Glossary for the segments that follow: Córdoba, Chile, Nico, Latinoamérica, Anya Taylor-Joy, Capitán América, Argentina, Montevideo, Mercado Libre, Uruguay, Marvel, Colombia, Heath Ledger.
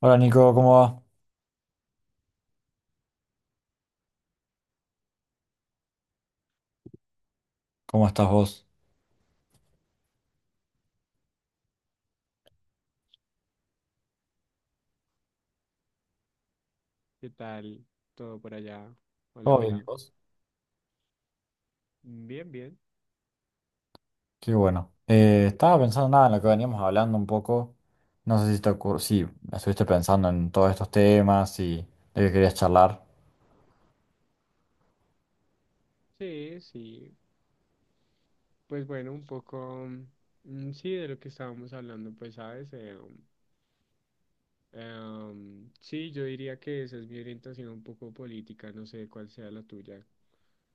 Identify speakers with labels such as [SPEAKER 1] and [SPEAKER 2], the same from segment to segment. [SPEAKER 1] Hola Nico, ¿cómo va? ¿Cómo estás vos?
[SPEAKER 2] ¿Qué tal? ¿Todo por allá? Hola,
[SPEAKER 1] ¿Todo bien y
[SPEAKER 2] hola.
[SPEAKER 1] vos?
[SPEAKER 2] Bien, bien.
[SPEAKER 1] Qué bueno. Estaba pensando nada en lo que veníamos hablando un poco. No sé si te ocurrió, si estuviste pensando en todos estos temas y de qué querías charlar.
[SPEAKER 2] Sí, sí. Pues bueno, un poco, sí, de lo que estábamos hablando, pues sabes, sí, yo diría que esa es mi orientación un poco política, no sé cuál sea la tuya,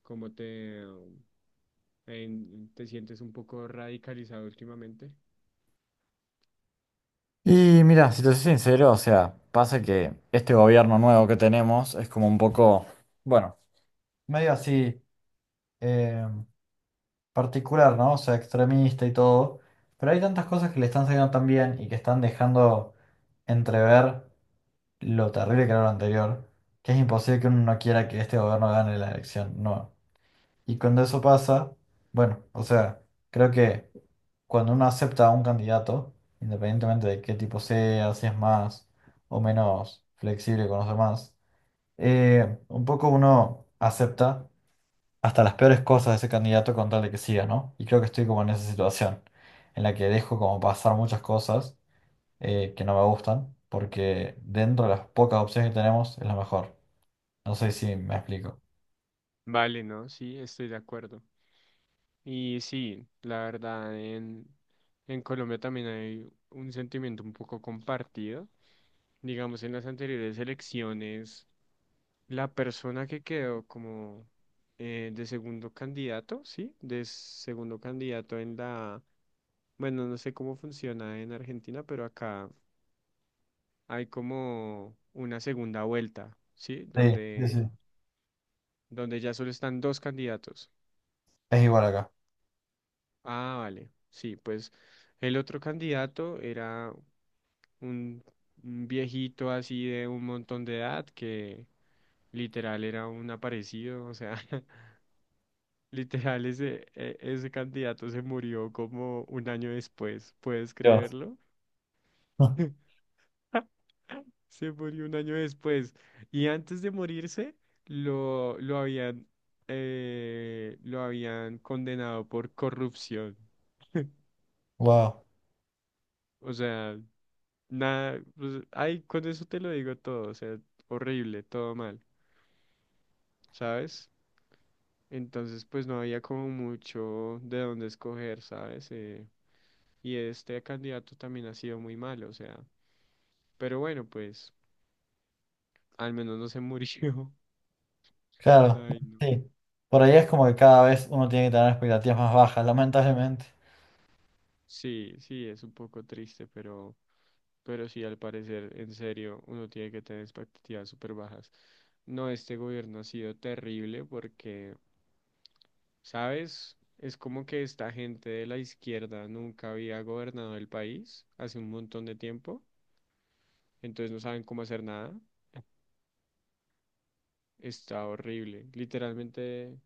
[SPEAKER 2] cómo te sientes un poco radicalizado últimamente.
[SPEAKER 1] Y mira, si te soy sincero, o sea, pasa que este gobierno nuevo que tenemos es como un poco, bueno, medio así eh, particular, ¿no? O sea, extremista y todo. Pero hay tantas cosas que le están saliendo tan bien y que están dejando entrever lo terrible que era lo anterior, que es imposible que uno no quiera que este gobierno gane la elección, no. Y cuando eso pasa, bueno, o sea, creo que cuando uno acepta a un candidato, independientemente de qué tipo sea, si es más o menos flexible con los demás, un poco uno acepta hasta las peores cosas de ese candidato con tal de que siga, ¿no? Y creo que estoy como en esa situación, en la que dejo como pasar muchas cosas, que no me gustan, porque dentro de las pocas opciones que tenemos es la mejor. No sé si me explico.
[SPEAKER 2] Vale, no, sí, estoy de acuerdo. Y sí, la verdad, en Colombia también hay un sentimiento un poco compartido. Digamos, en las anteriores elecciones, la persona que quedó como de segundo candidato, ¿sí? De segundo candidato en bueno, no sé cómo funciona en Argentina, pero acá hay como una segunda vuelta, ¿sí?
[SPEAKER 1] Sí, sí,
[SPEAKER 2] Donde,
[SPEAKER 1] sí.
[SPEAKER 2] donde ya solo están dos candidatos.
[SPEAKER 1] Es igual acá.
[SPEAKER 2] Ah, vale, sí, pues el otro candidato era un un viejito así de un montón de edad que... Literal, era un aparecido, o sea, Literal, ese candidato se murió como un año después, ¿puedes
[SPEAKER 1] Dios.
[SPEAKER 2] creerlo? Se murió un año después. Y antes de morirse, lo, lo habían, lo habían condenado por corrupción.
[SPEAKER 1] Wow.
[SPEAKER 2] O sea, nada, pues, ay, con eso te lo digo todo, o sea, horrible, todo mal, ¿sabes? Entonces, pues no había como mucho de dónde escoger, ¿sabes? Y este candidato también ha sido muy malo, o sea. Pero bueno, pues al menos no se murió.
[SPEAKER 1] Claro,
[SPEAKER 2] Ay, no.
[SPEAKER 1] sí. Por ahí es como que cada vez uno tiene que tener expectativas más bajas, lamentablemente.
[SPEAKER 2] Sí, sí, es un poco triste, pero sí, al parecer, en serio, uno tiene que tener expectativas súper bajas. No, este gobierno ha sido terrible porque, ¿sabes? Es como que esta gente de la izquierda nunca había gobernado el país hace un montón de tiempo, entonces no saben cómo hacer nada. Está horrible. Literalmente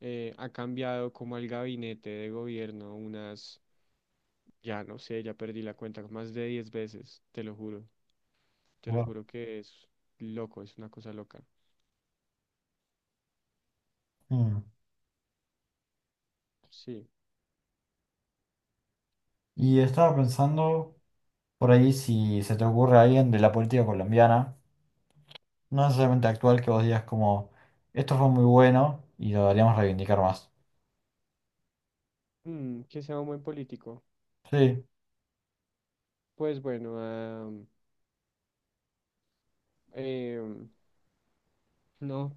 [SPEAKER 2] ha cambiado como el gabinete de gobierno unas... Ya no sé, ya perdí la cuenta, más de 10 veces, te lo juro. Te lo
[SPEAKER 1] Guau.
[SPEAKER 2] juro que es loco, es una cosa loca.
[SPEAKER 1] Mm.
[SPEAKER 2] Sí.
[SPEAKER 1] Y estaba pensando por ahí si se te ocurre a alguien de la política colombiana, no necesariamente actual, que vos digas como, esto fue muy bueno y lo deberíamos reivindicar más.
[SPEAKER 2] Mm, que sea un buen político.
[SPEAKER 1] Sí,
[SPEAKER 2] Pues bueno, em, no,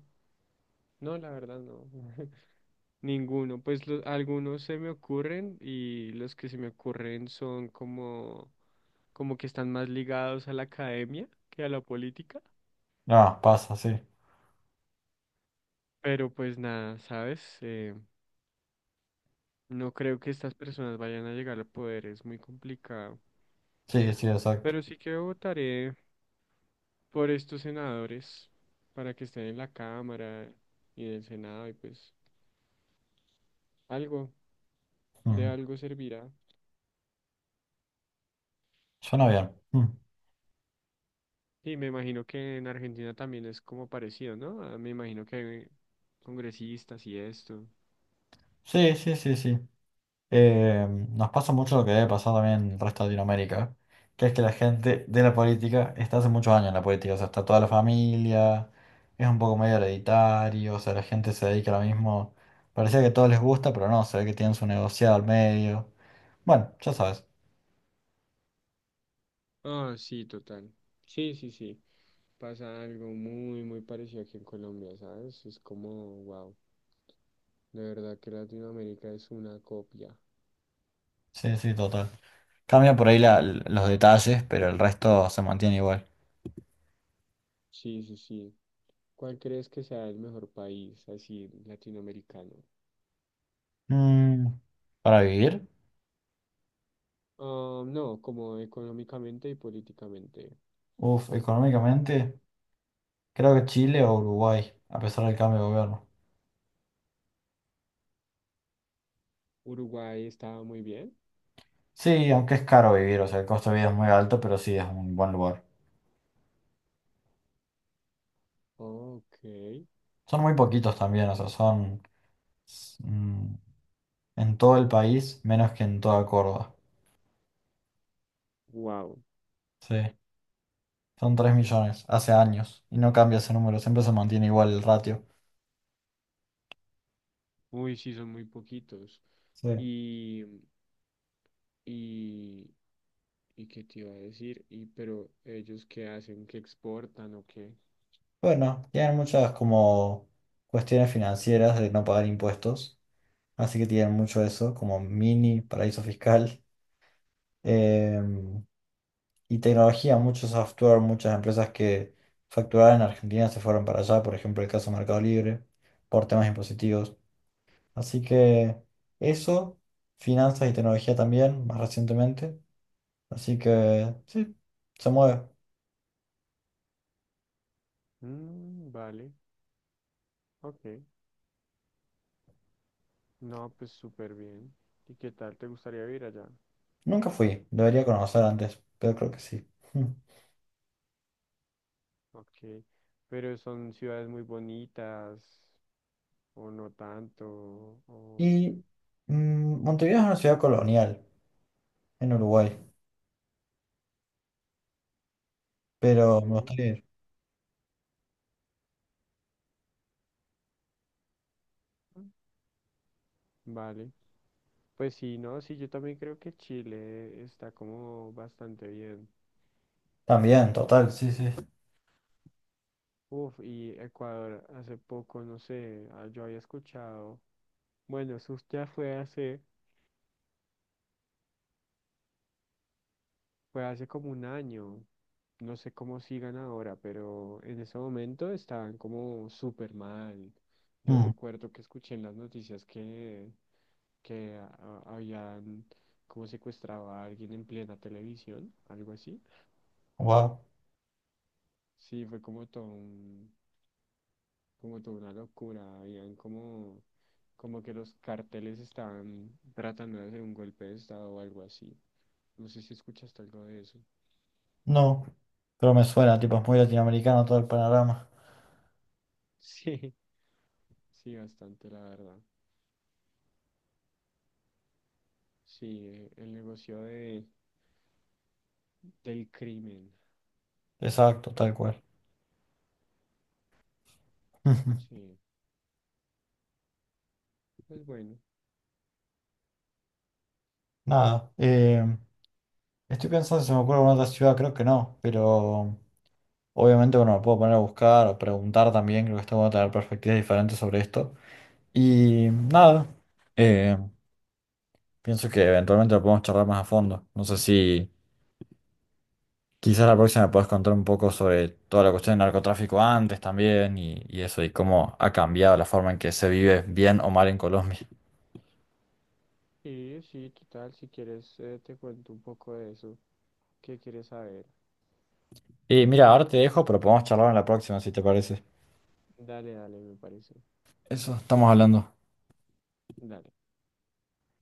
[SPEAKER 2] no, la verdad no. Ninguno. Pues algunos se me ocurren y los que se me ocurren son como, como que están más ligados a la academia que a la política.
[SPEAKER 1] no, pasa, sí.
[SPEAKER 2] Pero pues nada, ¿sabes? No creo que estas personas vayan a llegar al poder, es muy complicado.
[SPEAKER 1] Sí, sí, exacto.
[SPEAKER 2] Pero sí que votaré por estos senadores para que estén en la Cámara y en el Senado y pues algo, de algo servirá.
[SPEAKER 1] Suena bien. Mm.
[SPEAKER 2] Y me imagino que en Argentina también es como parecido, ¿no? Ah, me imagino que hay congresistas y esto.
[SPEAKER 1] Sí, sí, sí, sí. Nos pasa mucho lo que debe pasar también en el resto de Latinoamérica, que es que la gente de la política está hace muchos años en la política, o sea, está toda la familia, es un poco medio hereditario, o sea, la gente se dedica ahora mismo, parecía que todo les gusta, pero no, se ve que tienen su negociado al medio. Bueno, ya sabes.
[SPEAKER 2] Ah, sí, total. Sí, sí, sí. Pasa algo muy, muy parecido aquí en Colombia, ¿sabes? Es como, wow. De verdad que Latinoamérica es una copia.
[SPEAKER 1] Sí, sí, total. Cambia por ahí la- los detalles, pero el resto se mantiene igual.
[SPEAKER 2] Sí, sí, sí. ¿Cuál crees que sea el mejor país así latinoamericano?
[SPEAKER 1] Mm, ¿para vivir?
[SPEAKER 2] Ah, no, como económicamente y políticamente.
[SPEAKER 1] Uf, económicamente. Creo que Chile o Uruguay, a pesar del cambio de gobierno.
[SPEAKER 2] Uruguay estaba muy bien.
[SPEAKER 1] Sí, aunque es caro vivir, o sea, el costo de vida es muy alto, pero sí es un buen lugar.
[SPEAKER 2] Ok.
[SPEAKER 1] Son muy poquitos también, o sea, son s- mm, en todo el país menos que en toda Córdoba.
[SPEAKER 2] Wow.
[SPEAKER 1] Sí, son 3 millones, hace años, y no cambia ese número, siempre se mantiene igual el ratio.
[SPEAKER 2] Uy, sí, son muy poquitos.
[SPEAKER 1] Sí.
[SPEAKER 2] Y, y, y qué te iba a decir, y pero ellos qué hacen, qué exportan o qué.
[SPEAKER 1] Bueno, tienen muchas como cuestiones financieras de no pagar impuestos, así que tienen mucho eso, como mini paraíso fiscal. Em, y tecnología, mucho software, muchas empresas que facturaban en Argentina se fueron para allá, por ejemplo, el caso Mercado Libre, por temas impositivos. Así que eso, finanzas y tecnología también, más recientemente. Así que sí, se mueve.
[SPEAKER 2] Mm, vale, ok. No, pues súper bien. ¿Y qué tal? ¿Te gustaría vivir allá?
[SPEAKER 1] Nunca fui, debería conocer antes, pero creo que sí. Mm.
[SPEAKER 2] Ok. Pero son ciudades muy bonitas, o no tanto, o
[SPEAKER 1] Y Montevideo es una ciudad colonial en Uruguay, pero me
[SPEAKER 2] ok,
[SPEAKER 1] gustaría ir.
[SPEAKER 2] vale. Pues sí, no, sí, yo también creo que Chile está como bastante bien.
[SPEAKER 1] También, total, sí, sí.
[SPEAKER 2] Uf, y Ecuador hace poco, no sé, ah, yo había escuchado, bueno, eso ya fue hace... Fue hace como un año. No sé cómo sigan ahora, pero en ese momento estaban como súper mal. Yo
[SPEAKER 1] Mm,
[SPEAKER 2] recuerdo que escuché en las noticias que habían como secuestrado a alguien en plena televisión, algo así.
[SPEAKER 1] wow.
[SPEAKER 2] Sí, fue como toda una locura. Habían como, como que los carteles estaban tratando de hacer un golpe de estado o algo así. No sé si escuchaste algo de eso.
[SPEAKER 1] No, pero me suena, tipo, es muy latinoamericano todo el panorama.
[SPEAKER 2] Sí, sí, bastante, la verdad. Sí, el negocio del crimen.
[SPEAKER 1] Exacto, tal cual.
[SPEAKER 2] Sí, es bueno.
[SPEAKER 1] Nada, estoy pensando si se me ocurre alguna otra ciudad, creo que no, pero obviamente, bueno, me puedo poner a buscar o preguntar también, creo que esto va a tener perspectivas diferentes sobre esto. Y nada, eh, pienso que eventualmente lo podemos charlar más a fondo. No sé si Quizás la próxima puedas contar un poco sobre toda la cuestión del narcotráfico antes también y eso, y cómo ha cambiado la forma en que se vive bien o mal en Colombia.
[SPEAKER 2] Sí, sí, total. Si quieres, te cuento un poco de eso. ¿Qué quieres saber?
[SPEAKER 1] Y mira, ahora te dejo, pero podemos charlar en la próxima si te parece.
[SPEAKER 2] Dale, dale, me parece.
[SPEAKER 1] Eso, estamos hablando.
[SPEAKER 2] Dale.